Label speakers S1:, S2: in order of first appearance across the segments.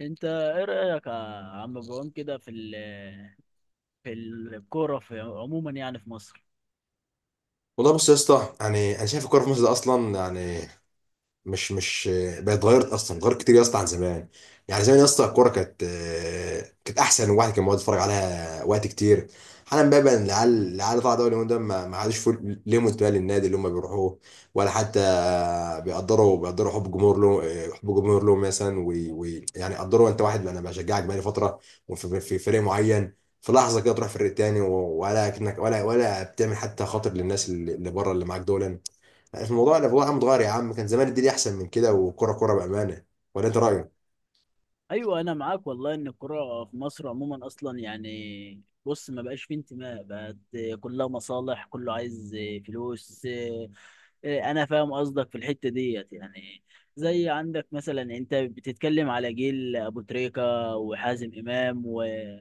S1: انت ايه رايك يا عم ابراهيم كده في الكوره في عموما يعني في مصر؟
S2: والله، بص يا اسطى، يعني انا شايف الكوره في مصر ده اصلا، يعني مش بقت، اتغيرت اصلا، اتغيرت كتير يا اسطى عن زمان. يعني زمان يا اسطى الكوره كانت احسن، الواحد كان بيقعد يتفرج عليها وقت كتير. حالا بقى العيال طالعه دوري اليومين دول، ما عادش فيه ليهم انتماء للنادي اللي هم بيروحوه، ولا حتى بيقدروا حب الجمهور له مثلا، ويعني قدروا. انت واحد، انا بشجعك بقالي فتره وفي في فريق معين، في لحظه كده تروح فريق تاني، ولا كأنك ولا بتعمل حتى خاطر للناس اللي بره اللي معاك دول. الموضوع عم اتغير يا عم، كان زمان الدنيا احسن من كده، وكرة كرة بأمانة. ولا انت رأيك؟
S1: ايوه، انا معاك والله، ان الكوره في مصر عموما اصلا يعني بص ما بقاش فيه انتماء، بقت كلها مصالح، كله عايز فلوس. اه، انا فاهم قصدك في الحته ديت يعني. زي عندك مثلا، انت بتتكلم على جيل ابو تريكه وحازم امام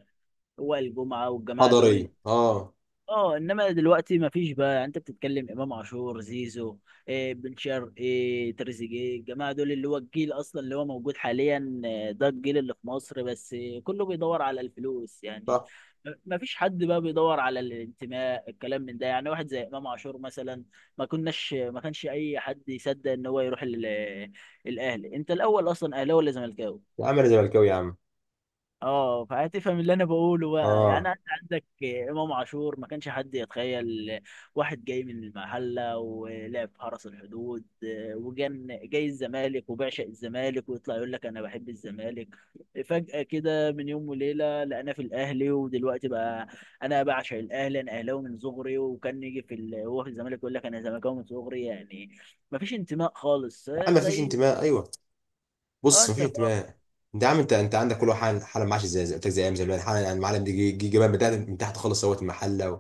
S1: ووائل جمعه والجماعه
S2: حضري،
S1: دول.
S2: اه.
S1: اه، انما دلوقتي ما فيش بقى يعني. انت بتتكلم امام عاشور، زيزو، إيه، بن شرقي، إيه، تريزيجيه، الجماعه دول اللي هو الجيل اصلا اللي هو موجود حاليا ده الجيل اللي في مصر. بس كله بيدور على الفلوس يعني.
S2: صح.
S1: ما فيش حد بقى بيدور على الانتماء، الكلام من ده يعني. واحد زي امام عاشور مثلا، ما كانش اي حد يصدق ان هو يروح الاهلي. انت الاول اصلا اهلاوي ولا زملكاوي؟
S2: يا عم انا زملكاوي يا عم.
S1: اه، فهتفهم اللي انا بقوله بقى يعني.
S2: اه.
S1: انت عندك امام عاشور، ما كانش حد يتخيل واحد جاي من المحله ولعب في حرس الحدود، وجن جاي الزمالك وبعشق الزمالك ويطلع يقول لك انا بحب الزمالك. فجاه كده من يوم وليله لقينا في الاهلي، ودلوقتي بقى انا بعشق الاهلي، انا اهلاوي من صغري. وكان يجي هو في الزمالك يقول لك انا زملكاوي من صغري يعني. ما فيش انتماء خالص
S2: يا عم مفيش
S1: زي...
S2: انتماء، ايوه.
S1: اه،
S2: بص،
S1: انت
S2: مفيش
S1: فاهم.
S2: انتماء. انت يا عم، انت عندك كل واحد حاله معاش، زي قلت لك، زي ايام زمان حاله. يعني المعلم دي جه جبان، من تحت من تحت خالص، سوت المحله،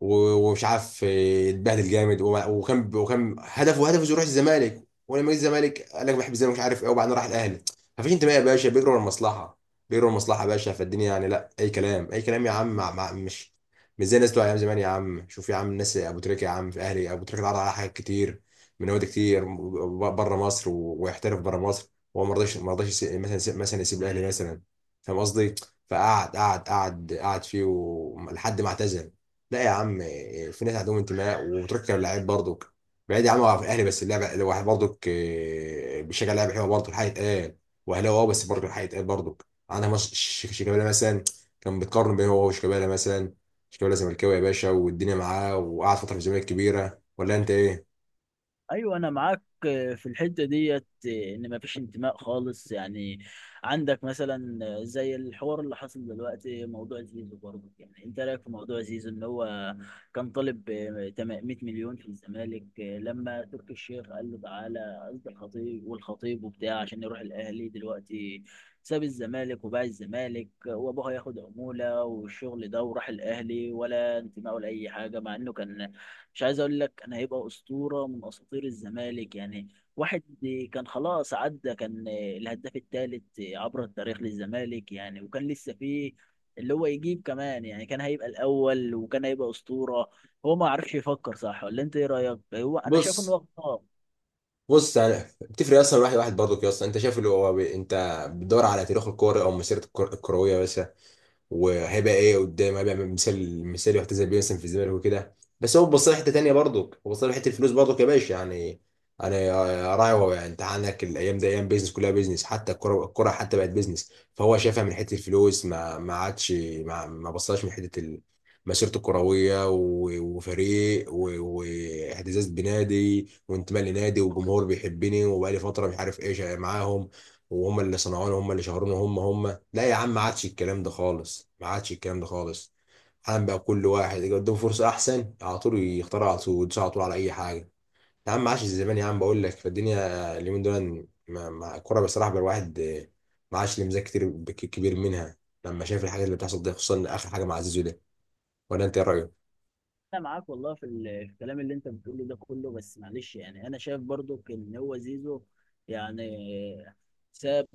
S2: و- ومش عارف اتبهدل جامد، وكان هدفه يروح الزمالك، ولما جه الزمالك قال لك بحب الزمالك مش عارف ايه، وبعدين راح الاهلي. مفيش انتماء يا باشا، بيجروا ورا المصلحه، بيجروا ورا المصلحه يا باشا. فالدنيا يعني لا، اي كلام، اي كلام يا عم، مع مش زي الناس بتوع ايام زمان يا عم. شوف يا عم، الناس ابو تريكه يا عم، في اهلي ابو تريكه اتعرض على حاجات كتير من نوادي كتير بره مصر، ويحترف بره مصر، هو ما رضاش مثلا يسيب الاهلي مثلا. فاهم قصدي؟ فقعد قعد قعد قعد فيه لحد ما اعتزل. لا يا عم، في ناس عندهم انتماء وتركب اللعيب برضك بعيد يا عم، هو في الاهلي بس اللعبه، لو واحد برضك بيشجع لعيبه حلوه برضه، الحق يتقال، واهلاوي، بس برضه الحق يتقال برضك عندها، مش شيكابالا مثلا كان بيتقارن بين هو وشيكابالا مثلا. شيكابالا زملكاوي يا باشا والدنيا معاه، وقعد فتره في الزمالك كبيره. ولا انت ايه؟
S1: ايوه، انا معاك في الحته ديت ان مفيش انتماء خالص يعني. عندك مثلا زي الحوار اللي حصل دلوقتي، موضوع زيزو برضه. يعني انت رايك في موضوع زيزو، ان هو كان طالب 100 مليون في الزمالك، لما تركي الشيخ قال له تعالى، قصد الخطيب، والخطيب وبتاع عشان يروح الاهلي. دلوقتي ساب الزمالك وباع الزمالك، وابوه هياخد عموله والشغل ده، وراح الاهلي، ولا انتماء ولا اي حاجه، مع انه كان، مش عايز اقول لك، انا هيبقى اسطوره من اساطير الزمالك يعني. واحد كان خلاص عدى، كان الهداف الثالث عبر التاريخ للزمالك يعني، وكان لسه فيه اللي هو يجيب كمان يعني، كان هيبقى الاول وكان هيبقى اسطوره. هو ما عرفش يفكر صح؟ ولا انت ايه رايك؟ هو انا شايف انه
S2: بص
S1: غلطان.
S2: بص انا بتفرق اصلا، واحد واحد برضك يا اسطى، انت شايف اللي هو انت بتدور على تاريخ الكوره او مسيرته الكرويه بس، وهيبقى ايه قدام، هيبقى مثال يحتذى بيه مثلا في الزمالك وكده. بس هو بص لحته تانيه برضك، هو بص لحته الفلوس برضك يا باشا يعني. انا راعي هو يعني، انت عندك الايام دي ايام بيزنس، كلها بيزنس، حتى الكره حتى بقت بيزنس، فهو شافها من حته الفلوس، ما عادش ما بصاش من حته مسيرته الكرويه، وفريق، واعتزاز بنادي، وانتماء لنادي، وجمهور بيحبني وبقالي فتره مش عارف ايش معاهم، وهم اللي صنعوني، هم اللي شهروني، هم. لا يا عم، ما عادش الكلام ده خالص، ما عادش الكلام ده خالص. حالا بقى كل واحد يجي قدامه فرصة أحسن، على طول يختار، على طول يدوس، على طول على أي حاجة. يا عم ما عادش زمان يا عم، بقول لك فالدنيا اليومين دول الكورة بصراحة بقى الواحد ما عادش ليه مزاج كتير كبير منها، لما شايف الحاجات اللي بتحصل دي، خصوصا آخر حاجة مع زيزو ده. ولا أنت إيه رأيك؟
S1: انا معاك والله في الكلام اللي انت بتقوله ده كله، بس معلش يعني انا شايف برضو ان هو زيزو يعني ساب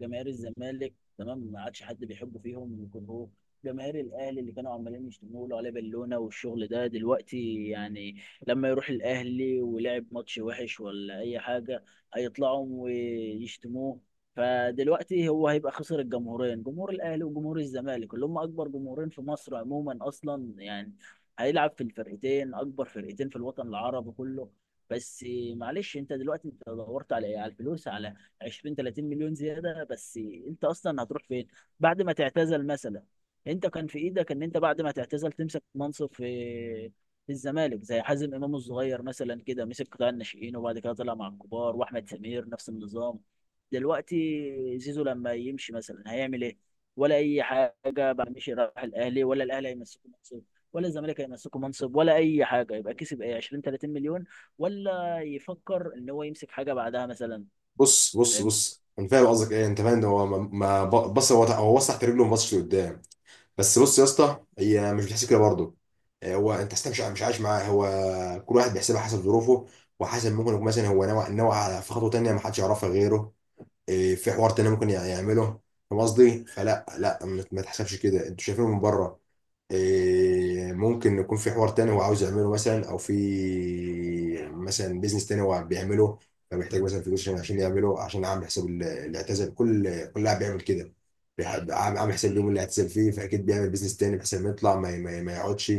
S1: جماهير الزمالك، تمام، ما عادش حد بيحبه فيهم. يكون هو جماهير الاهلي اللي كانوا عمالين يشتموا له عليه بالونه والشغل ده دلوقتي يعني، لما يروح الاهلي ولعب ماتش وحش ولا اي حاجه، هيطلعوا ويشتموه. فدلوقتي هو هيبقى خسر الجمهورين، جمهور الاهلي وجمهور الزمالك، اللي هم اكبر جمهورين في مصر عموما اصلا يعني. هيلعب في الفرقتين، اكبر فرقتين في الوطن العربي كله. بس معلش، انت دلوقتي انت دورت على ايه؟ على الفلوس؟ على 20 30 مليون زياده بس؟ انت اصلا هتروح فين بعد ما تعتزل مثلا؟ انت كان في ايدك ان انت بعد ما تعتزل تمسك منصب في الزمالك، زي حازم امام الصغير مثلا كده مسك قطاع الناشئين وبعد كده طلع مع الكبار، واحمد سمير نفس النظام. دلوقتي زيزو لما يمشي مثلا هيعمل ايه؟ ولا اي حاجه بقى، مشي راح الاهلي، ولا الاهلي هيمسكه منصب ولا الزمالك هيمسكه منصب ولا اي حاجه؟ يبقى كسب ايه، 20 30 مليون؟ ولا يفكر ان هو يمسك حاجه بعدها مثلا؟
S2: بص بص
S1: فاهم.
S2: بص انا فاهم قصدك ايه، انت فاهم، هو بص، هو وسع رجله وما بصش لقدام. بس بص يا اسطى، هي مش بتحسب كده برضه، هو انت أصلاً مش عايش معاه هو، كل واحد بيحسبها حسب ظروفه، وحسب، ممكن يكون مثلا هو نوع على، في خطوه تانيه ما حدش يعرفها غيره. في حوار تاني ممكن يعمله. فاهم قصدي؟ فلا لا، ما تحسبش كده انتوا شايفينه من بره. ممكن يكون في حوار تاني هو عاوز يعمله، مثلا او في مثلا بيزنس تاني هو بيعمله، فمحتاج مثلا فلوس عشان يعمله، عشان اعمل حساب اللي اعتزل. كل لاعب بيعمل كده، عامل حساب اليوم اللي اعتزل فيه، فاكيد بيعمل بيزنس تاني بحيث لما يطلع ما يقعدش.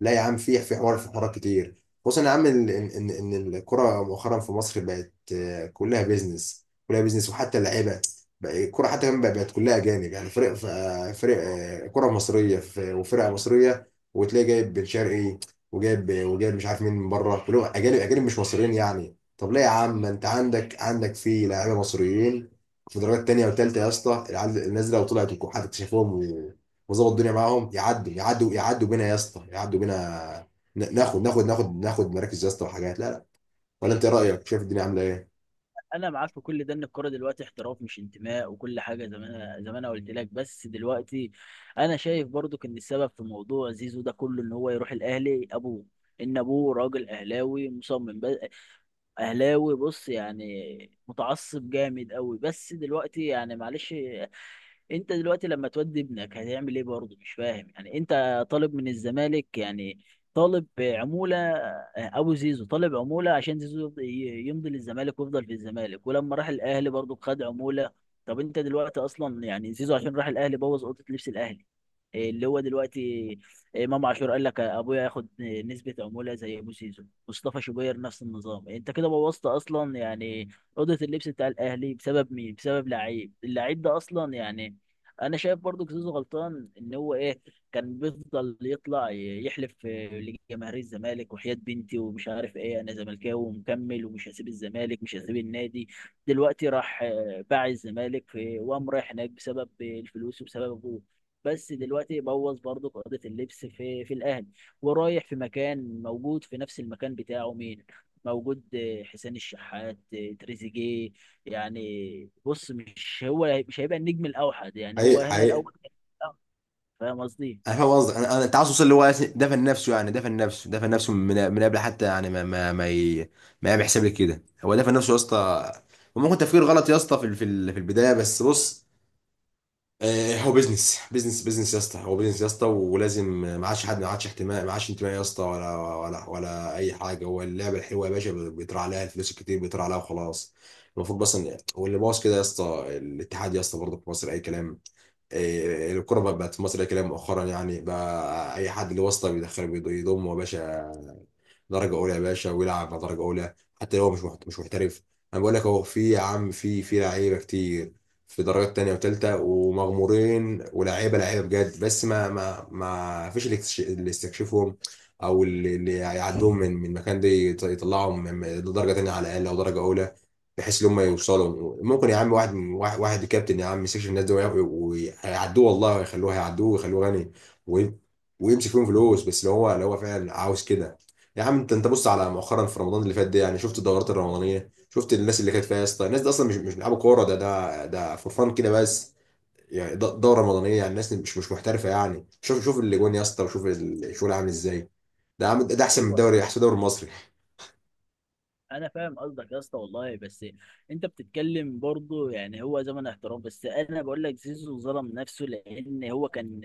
S2: لا يا عم، في حوارات كتير، خصوصا يا عم ان ان إن الكرة مؤخرا في مصر بقت كلها بيزنس، كلها بيزنس، وحتى اللعيبه بقى الكرة حتى كمان بقت كلها أجانب، يعني فرق فرق كرة مصرية، وفرقة مصرية، وتلاقي جايب بن شرقي، وجايب مش عارف مين من بره، كلهم أجانب، أجانب مش مصريين يعني. طب ليه يا عم، ما أنت عندك، في لاعيبة مصريين في درجات تانية وتالتة يا اسطى، الناس دي لو طلعت وحد اكتشفهم وظبط الدنيا معاهم، يعدوا بينا يا اسطى، يعدوا بينا، ناخد مراكز يا اسطى وحاجات، لا لا. ولا انت ايه رايك، شايف الدنيا عامله
S1: انا معاك في كل ده ان الكوره دلوقتي احتراف مش انتماء وكل حاجه، زي ما انا قلت لك. بس دلوقتي انا شايف برضو ان السبب في موضوع زيزو ده كله ان هو يروح الاهلي ابوه، ان ابوه راجل اهلاوي مصمم، بس اهلاوي بص يعني، متعصب جامد قوي. بس دلوقتي يعني معلش، انت دلوقتي لما تودي ابنك هتعمل ايه برضه؟ مش فاهم يعني. انت طالب من الزمالك يعني، طالب عمولة؟ ابو زيزو طالب عمولة عشان زيزو يمضي للزمالك ويفضل في الزمالك، ولما راح الاهلي برضه خد عمولة. طب انت دلوقتي اصلا يعني زيزو عشان راح الاهلي بوظ اوضة لبس الاهلي. إيه اللي هو دلوقتي؟ إيه، امام عاشور قال لك ابويا ياخد نسبة عمولة زي ابو زيزو، مصطفى شوبير نفس النظام. انت كده بوظت اصلا يعني اوضة اللبس بتاع الاهلي بسبب مين؟ بسبب لعيب، اللعيب ده اصلا يعني. انا شايف برضو زيزو غلطان ان هو ايه، كان بيفضل يطلع يحلف لجماهير الزمالك، وحياة بنتي ومش عارف ايه، انا زملكاوي ومكمل ومش هسيب الزمالك، مش هسيب النادي. دلوقتي راح باع الزمالك، في وقام رايح هناك بسبب الفلوس وبسبب ابوه. بس دلوقتي بوظ برضو قضية اللبس في الاهلي. ورايح في مكان موجود في نفس المكان بتاعه مين موجود؟ آه، حسين الشحات، تريزيجيه. يعني بص، مش هو مش هيبقى النجم الاوحد يعني، هو
S2: ايه؟
S1: هنا
S2: حقيقي.
S1: الاول. فاهم قصدي؟
S2: انا فاهم قصدك، انا انت عاوز توصل اللي هو دفن نفسه، يعني دفن نفسه من قبل حتى، يعني ما بيحسب لك كده، هو دفن نفسه يا اسطى، وممكن تفكير غلط يا اسطى في البدايه بس. بص هو بيزنس يا اسطى، هو بيزنس يا اسطى ولازم، ما عادش حد، ما عادش احتماء، ما عادش انتماء يا اسطى، ولا اي حاجه. هو اللعبه الحلوه يا باشا بيطلع عليها، الفلوس الكتير بيطلع عليها وخلاص. المفروض بس ان، واللي باظ كده يا اسطى الاتحاد يا اسطى برضه، في مصر اي كلام. الكرة بقت في مصر كده مؤخرا يعني، بقى أي حد له واسطة بيدخله، يضمه يا باشا درجة أولى يا باشا ويلعب على درجة أولى، حتى لو هو مش محترف. أنا بقول لك أهو، في يا عم في لعيبة كتير في درجات تانية وتالتة ومغمورين، ولاعيبة بجد، بس ما فيش اللي اللي يستكشفهم، أو اللي يعدوهم من مكان ده، يطلعهم من درجة تانية على الأقل أو درجة أولى، بحيث ان هم يوصلوا. ممكن يا عم واحد واحد كابتن يا عم، يمسكش الناس دول ويعدوه، والله ويخلوه، هيعدوه ويخلوه غني، وي- ويمسك فيهم فلوس، بس لو هو فعلا عاوز كده. يا عم، انت بص على مؤخرا، في رمضان اللي فات ده يعني، شفت الدورات الرمضانيه، شفت الناس اللي كانت فيها يا اسطى، الناس دي اصلا مش بيلعبوا كوره، ده فور فان كده بس، يعني دوره رمضانيه، يعني الناس مش محترفه، يعني شوف اللي جون يا اسطى وشوف الشغل عامل ازاي، ده عامل، ده احسن من
S1: ايوه،
S2: الدوري، احسن دوري مصري.
S1: انا فاهم قصدك يا اسطى والله. بس انت بتتكلم برضو يعني هو زمن احترام، بس انا بقول لك زيزو ظلم نفسه، لان هو كان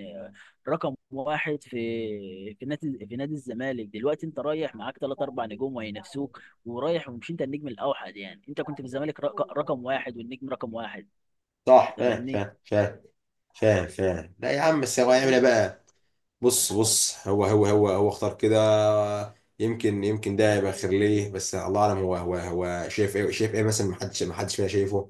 S1: رقم واحد في نادي الزمالك. دلوقتي انت رايح معاك ثلاث اربع نجوم وهينافسوك ورايح، ومش انت النجم الاوحد يعني. انت كنت في الزمالك رقم واحد والنجم رقم واحد.
S2: صح.
S1: انت
S2: فاهم،
S1: فاهمني؟
S2: فاهم، فاهم. فاهم، فاهم. لا يا عم، بس هو هيعمل ايه بقى؟ بص هو اختار كده، يمكن ده يبقى خير ليه، بس الله اعلم، هو شايف ايه مثلا، ما حدش فينا شايفه.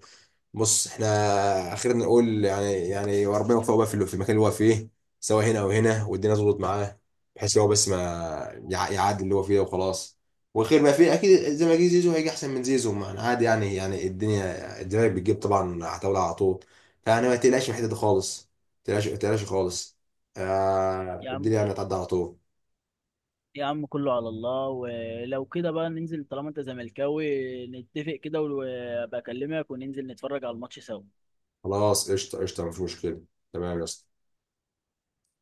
S2: بص احنا خلينا نقول يعني، وربنا يوفقه بقى في المكان اللي هو فيه، سواء هنا او هنا، والدنيا تظبط معاه، بحيث هو بس ما يعدي اللي هو فيه وخلاص، وخير ما فيه اكيد. زي ما جه زيزو هيجي احسن من زيزو، ما أنا عادي يعني، الدنيا الزمالك بتجيب طبعا عتاولة على طول، فيعني ما تقلقش من الحته دي خالص، ما تقلقش، ما تقلقش خالص. آه،
S1: يا عم،
S2: الدنيا يعني هتعدي على طول.
S1: يا عم كله على الله. ولو كده بقى ننزل طالما انت زملكاوي، نتفق كده، وابقى اكلمك وننزل نتفرج على الماتش سوا.
S2: خلاص، قشطه، قشطه، مفيش مشكله. تمام يا اسطى.